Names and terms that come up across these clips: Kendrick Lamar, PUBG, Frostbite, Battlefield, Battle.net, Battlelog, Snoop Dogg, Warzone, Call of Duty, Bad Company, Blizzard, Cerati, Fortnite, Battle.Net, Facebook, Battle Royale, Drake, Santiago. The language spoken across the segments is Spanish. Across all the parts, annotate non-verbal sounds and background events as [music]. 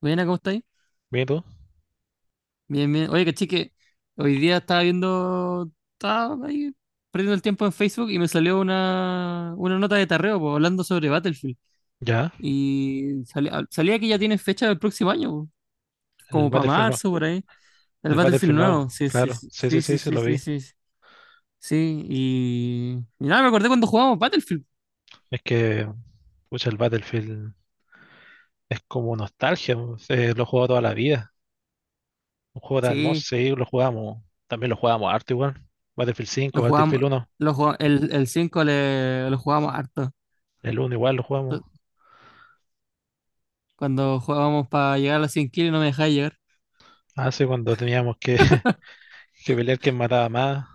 Buena, ¿cómo estáis? ¿Ve tú? Bien, bien. Oye, caché que hoy día estaba viendo, estaba ahí perdiendo el tiempo en Facebook y me salió una nota de tarreo, po, hablando sobre Battlefield. Ya, Y salía que ya tiene fecha del próximo año, po, el como para Battlefield nuevo. marzo, por ahí. El El Battlefield Battlefield nuevo, nuevo, sí, sí, claro. sí, Sí, sí, sí, sí, sí, sí, sí, lo vi. sí. Sí, sí, sí, y nada, me acordé cuando jugábamos Battlefield. Es que, pucha, el Battlefield es como nostalgia, po. Lo he jugado toda la vida. Un juego tan hermoso, Sí, sí, lo jugamos. También lo jugamos harto igual. Battlefield cinco, lo jugábamos, Battlefield uno. el 5 lo jugábamos harto. El uno igual lo jugamos. Cuando jugábamos para llegar a las 100 kills no me dejaba llegar. Hace cuando teníamos que, [laughs] que pelear quién mataba más.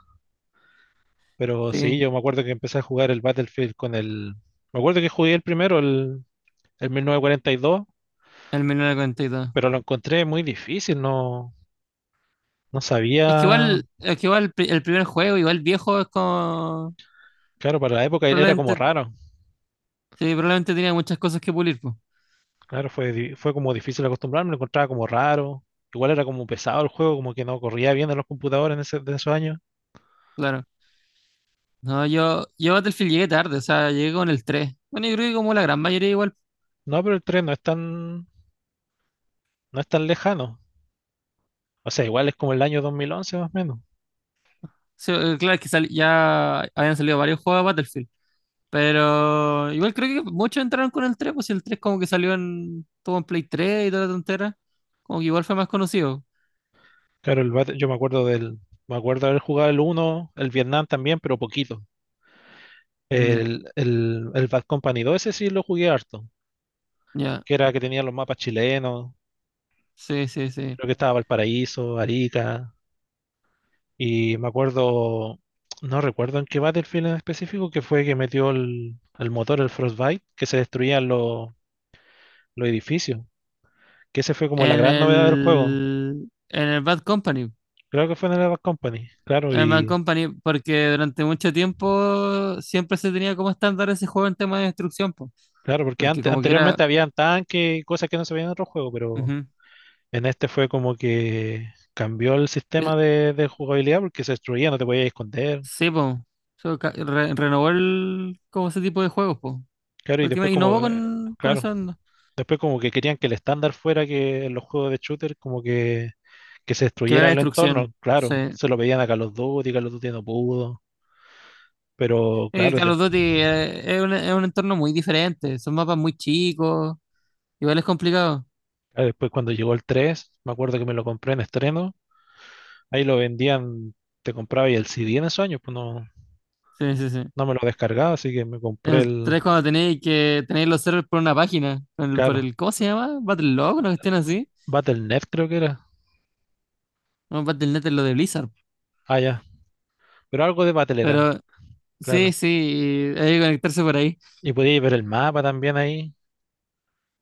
Pero sí, Sí. yo me acuerdo que empecé a jugar el Battlefield Me acuerdo que jugué el primero, el 1942, El 1942. pero lo encontré muy difícil. No, no sabía. Es que igual el primer juego, igual viejo, es como. Claro, para la época era como Probablemente, raro. sí, probablemente tenía muchas cosas que pulir, pues. Claro, fue como difícil acostumbrarme, lo encontraba como raro. Igual era como pesado el juego, como que no corría bien en los computadores de esos años. Claro. No, yo a Battlefield llegué tarde, o sea, llegué con el tres. Bueno, yo creo que como la gran mayoría igual. No, pero el 3 no es tan lejano. O sea, igual es como el año 2011 más o menos. Claro, es que ya habían salido varios juegos de Battlefield. Pero igual creo que muchos entraron con el tres, pues si el tres como que salió en todo en Play 3 y toda la tontera. Como que igual fue más conocido. Claro, yo me acuerdo me acuerdo haber jugado el uno, el Vietnam también, pero poquito. Ya, El Bad Company 2, ese sí lo jugué harto, ya. que era que tenía los mapas chilenos, Sí, sí, sí. creo que estaba Valparaíso, Arica. Y me acuerdo, no recuerdo en qué Battlefield en específico, que fue que metió el motor, el Frostbite, que se destruían los edificios. Que ese fue como la En gran novedad del juego. el. En el Bad Company. Creo que fue en el Bad Company, claro, El Man y Company, porque durante mucho tiempo siempre se tenía como estándar ese juego en tema de destrucción, po, claro, porque porque como que era... anteriormente habían tanques y cosas que no se veían en otro juego, pero Ujú, en este fue como que cambió el sistema es- de jugabilidad porque se destruía, no te podías esconder. sí, po, so, renovó el, como ese tipo de juegos, po. Claro, y después Prácticamente innovó como, con claro, eso, ¿no? después como que querían que el estándar fuera que en los juegos de shooter como que se Que destruyera era el destrucción. entorno, Sí. claro, se lo pedían a Call of Duty no pudo, pero claro, Call of Duty, es un entorno muy diferente, son mapas muy chicos, igual es complicado. ah, después cuando llegó el 3 me acuerdo que me lo compré en estreno, ahí lo vendían, te compraba y el CD en esos años, pues no, Sí, sí, sí. no me lo descargaba, así que me compré El el, tres, cuando tenéis que tenéis los servers por una página, claro, ¿cómo se llama? Battlelog, una cuestión m- así. Battle punto Net creo que era. No, Battle.net es lo de Blizzard. Ah, ya, pero algo de Battle era, Pero sí, claro, sí, hay que conectarse por ahí. y podía ver el mapa también ahí,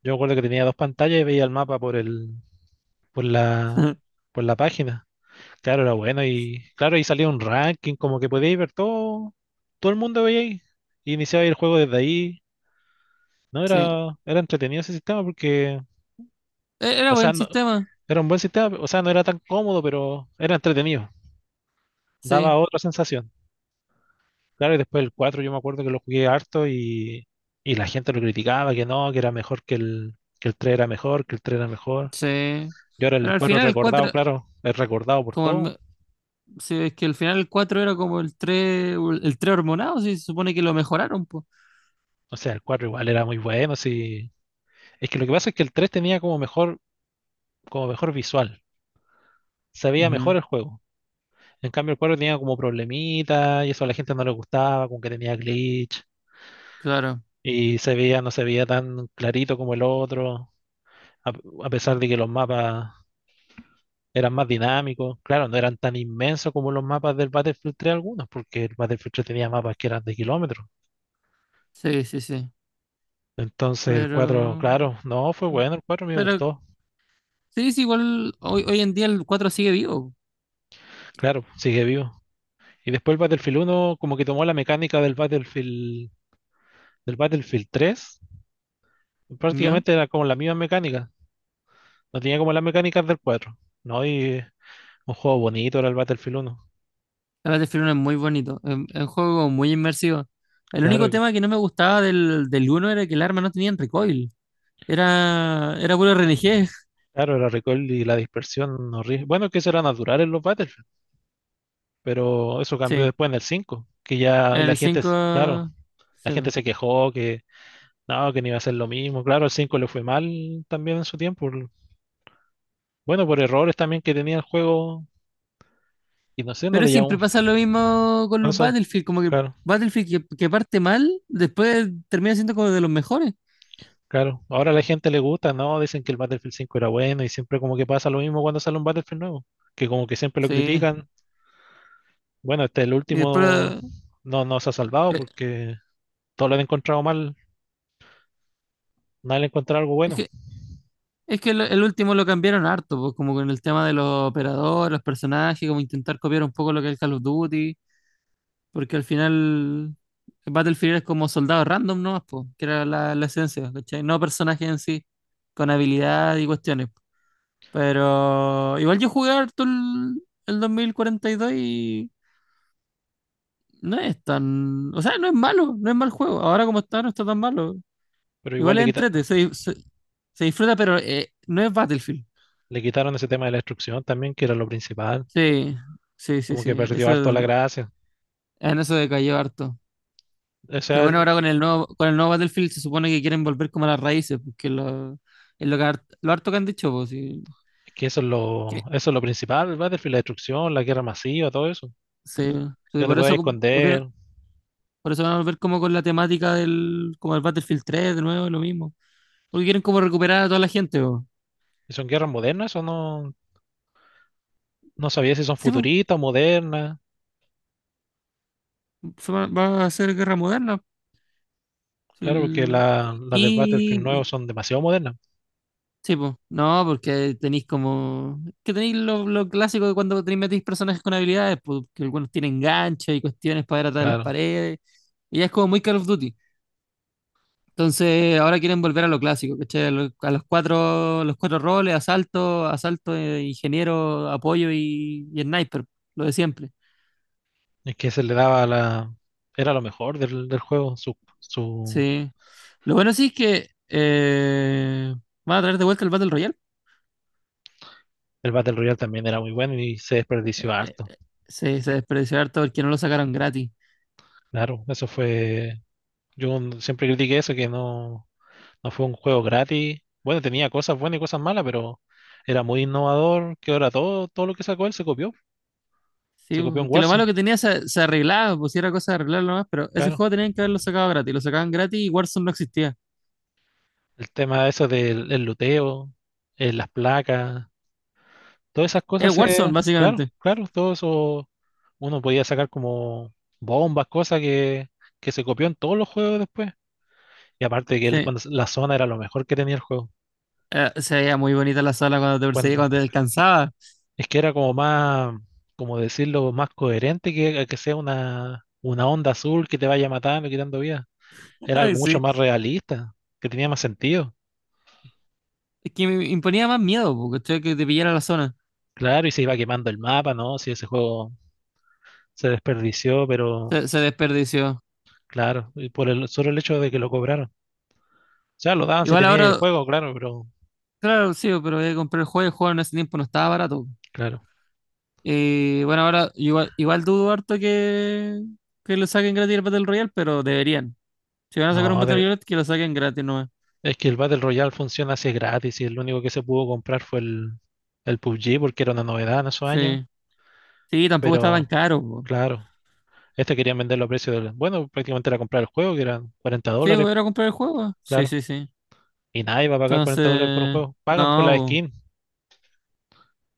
yo me acuerdo que tenía dos pantallas y veía el mapa por el, por la, [laughs] por la página. Claro, era bueno y claro, ahí salía un ranking, como que podíais ver todo, todo el mundo veía ahí. Y iniciaba el juego desde ahí. No Sí. era, era entretenido ese sistema porque, Era o sea, buen no, sistema. era un buen sistema, o sea, no era tan cómodo, pero era entretenido. Sí, Daba otra sensación. Claro, y después el 4 yo me acuerdo que lo jugué harto y la gente lo criticaba, que no, que era mejor que el 3 era mejor, que el 3 era mejor. sí. Y ahora Pero el al 4 es final el recordado, cuatro claro, es recordado por como el todo. me- sí, es que al final el cuatro era como el tres, el tres hormonado, sí, se supone que lo mejoraron, pues. O sea, el 4 igual era muy bueno, sí. Es que lo que pasa es que el 3 tenía como mejor visual, se veía mejor Ujú. el juego. En cambio, el 4 tenía como problemitas y eso a la gente no le gustaba, con que tenía glitch Claro. y se veía, no se veía tan clarito como el otro, a, a pesar de que los mapas eran más dinámicos. Claro, no eran tan inmensos como los mapas del Battlefield 3 algunos, porque el Battlefield 3 tenía mapas que eran de kilómetros. Sí, sí, sí. Entonces el Pero 4, claro, no, fue bueno, el 4 me pero gustó. sí, sí, igual hoy, hoy en día el cuatro sigue vivo, Claro, sigue vivo. Y después el Battlefield uno como que tomó la mecánica del Battlefield 3, ¿no? prácticamente era como la misma mecánica. No tenía como las mecánicas del cuatro. No, y un juego bonito era el Battlefield uno. El Battlefield 1 es muy bonito, es un juego muy inmersivo. El único Claro, tema que no me gustaba del, del uno era que el arma no tenía recoil. Era, era puro RNG. [laughs] claro, el recoil y la dispersión horrible. Bueno, que eso era natural en los Battlefield, pero eso cambió Sí, después en el 5 que ya en la el gente, 5, claro, la sí, gente po. se quejó que no iba a ser lo mismo. Claro, el 5 le fue mal también en su tiempo. Bueno, por errores también que tenía el juego y no sé, no Pero le siempre llamamos. pasa lo mismo con Bueno, los eso, Battlefield, como que claro. Battlefield que parte mal, después termina siendo como de los mejores. Claro, ahora a la gente le gusta, ¿no? Dicen que el Battlefield 5 era bueno y siempre como que pasa lo mismo cuando sale un Battlefield nuevo, que como que siempre lo Sí, critican. Bueno, este el y último después... no nos ha salvado eh, porque todos lo han encontrado mal, nadie le ha encontrado algo es bueno, que, es que el último lo cambiaron harto, pues como con el tema de los operadores, los personajes, como intentar copiar un poco lo que es Call of Duty. Porque al final Battlefield es como soldados random nomás, po, que era la, la esencia, ¿cachai? No personajes en sí, con habilidad y cuestiones. Pero igual yo jugué harto el 2042 y dos y no es tan... O sea, no es malo, no es mal juego. Ahora como está, no está tan malo. pero igual Igual es entrete, se disfruta, pero no es Battlefield. le quitaron ese tema de la destrucción también, que era lo principal, Sí, sí, sí, como que sí. perdió Eso, harto la gracia. en eso decayó harto. O Pero sea, es bueno, ahora con el nuevo Battlefield se supone que quieren volver como a las raíces, porque lo, es lo que lo harto que han dicho, pues, sí, que que eso es lo principal, el Battlefield, la destrucción, la guerra masiva, todo eso. sí Que sí, no te por puedes eso volvieron, esconder. por eso van a volver como con la temática del, como el Battlefield tres de nuevo, lo mismo. Porque quieren como recuperar a toda la gente, pues. ¿Y son guerras modernas o no? No sabía si son Sí, pues, futuristas, o modernas. va, va a ser guerra moderna. Pues, Claro, porque las de Battlefield y, nuevos son demasiado modernas. sí, pues, no, porque tenéis como. Que tenéis lo clásico de cuando tenéis metéis personajes con habilidades, pues, que algunos tienen ganchos y cuestiones para ir atrás de las Claro, paredes. Y ya es como muy Call of Duty. Entonces, ahora quieren volver a lo clásico, ¿cachai? A, a los cuatro roles, asalto, asalto, ingeniero, apoyo y sniper, lo de siempre. es que se le daba la... Era lo mejor del juego. Sí. Lo bueno sí es que van a traer de vuelta el Battle Royale. El Battle Royale también era muy bueno y se desperdició Eh, harto. Se, se desperdició harto porque no lo sacaron gratis. Claro, eso fue... siempre critiqué eso, que no, no fue un juego gratis. Bueno, tenía cosas buenas y cosas malas, pero era muy innovador, que ahora todo lo que sacó él se copió. Sí, Se copió en bo, que lo malo Warzone, que tenía se, se arreglaba, pues si era cosa de arreglarlo nomás, pero ese claro. juego tenían que haberlo sacado gratis, lo sacaban gratis y Warzone no existía. El tema de eso del el luteo, las placas. Todas esas Es cosas se, Warzone, claro, básicamente. claro, todo eso uno podía sacar como bombas, cosas que se copió en todos los juegos después. Y aparte que él, Sí. cuando, la zona era lo mejor que tenía el juego. Se veía muy bonita la sala cuando te perseguía, Cuando, cuando te alcanzaba. es que era como más, como decirlo, más coherente que sea una onda azul que te vaya matando, quitando vida. [laughs] Era Ay, algo mucho sí. más realista, que tenía más sentido. Es que me imponía más miedo, porque que te pillara la zona. Claro, y se iba quemando el mapa, ¿no? Si ese juego se desperdició, pero Se desperdició. claro, y por el solo el hecho de que lo cobraron. Sea, lo daban si Igual tenía ahí el ahora, juego, claro, pero claro, sí, pero voy a comprar el juego y el juego en ese tiempo no estaba barato. claro. Y bueno, ahora igual, igual dudo harto que lo saquen gratis el Battle Royale, pero deberían. Si van a sacar un No, Battle Royale, que lo saquen gratis nomás. es que el Battle Royale funciona así gratis y el único que se pudo comprar fue el PUBG porque era una novedad en esos años. Sí. Sí, tampoco estaba tan Pero caro, po. claro, este querían venderlo a precio de... Bueno, prácticamente era comprar el juego, que eran cuarenta Sí, dólares, po, era comprar el juego. Sí, claro. sí, sí. Y nadie va a pagar $40 por un Entonces, juego. Pagan por la no, po. skin.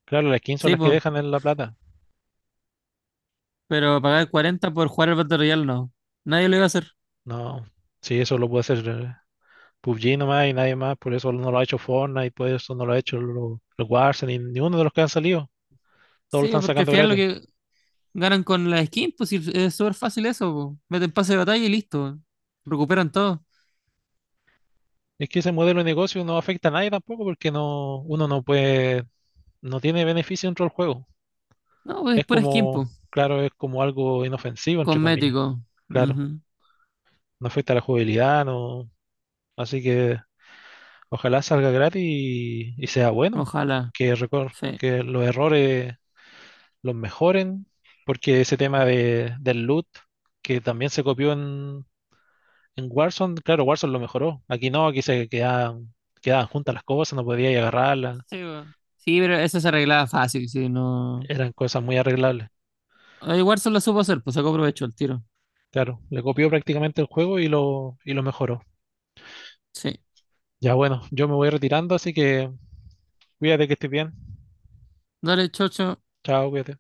Claro, las skins son Sí, las que po. dejan en la plata. Pero pagar 40 por jugar al Battle Royale, no. Nadie lo iba a hacer. No, sí, eso lo puede hacer PUBG nomás y nadie más. Por eso no lo ha hecho Fortnite, por eso no lo ha hecho los Warzone, ni uno de los que han salido. Todos lo Sí, po, están porque al sacando final lo gratis. que ganan con la skin, pues sí, es súper fácil eso, po. Meten pase de batalla y listo. Recuperan todo. Es que ese modelo de negocio no afecta a nadie tampoco porque no, uno no puede, no tiene beneficio dentro del juego. No, pues es Es pura skin, como, po. claro, es como algo inofensivo, entre comillas. Cosmético. Claro, Ujú. no afecta a la jugabilidad, no. Así que ojalá salga gratis y sea bueno. Ojalá. Que, Sí. que los errores los mejoren, porque ese tema del loot, que también se copió en Warzone, claro, Warzone lo mejoró. Aquí no, aquí quedaban juntas las cosas, no podía agarrarlas. Sí, po. Sí, pero eso se arreglaba fácil, sí, no. Eran cosas muy arreglables. Ah, igual se lo supo hacer, pues sacó provecho el tiro. Claro, le copió prácticamente el juego y y lo mejoró. Sí. Ya bueno, yo me voy retirando, así que cuídate que estés bien. Dale, chocho. Chao, cuídate.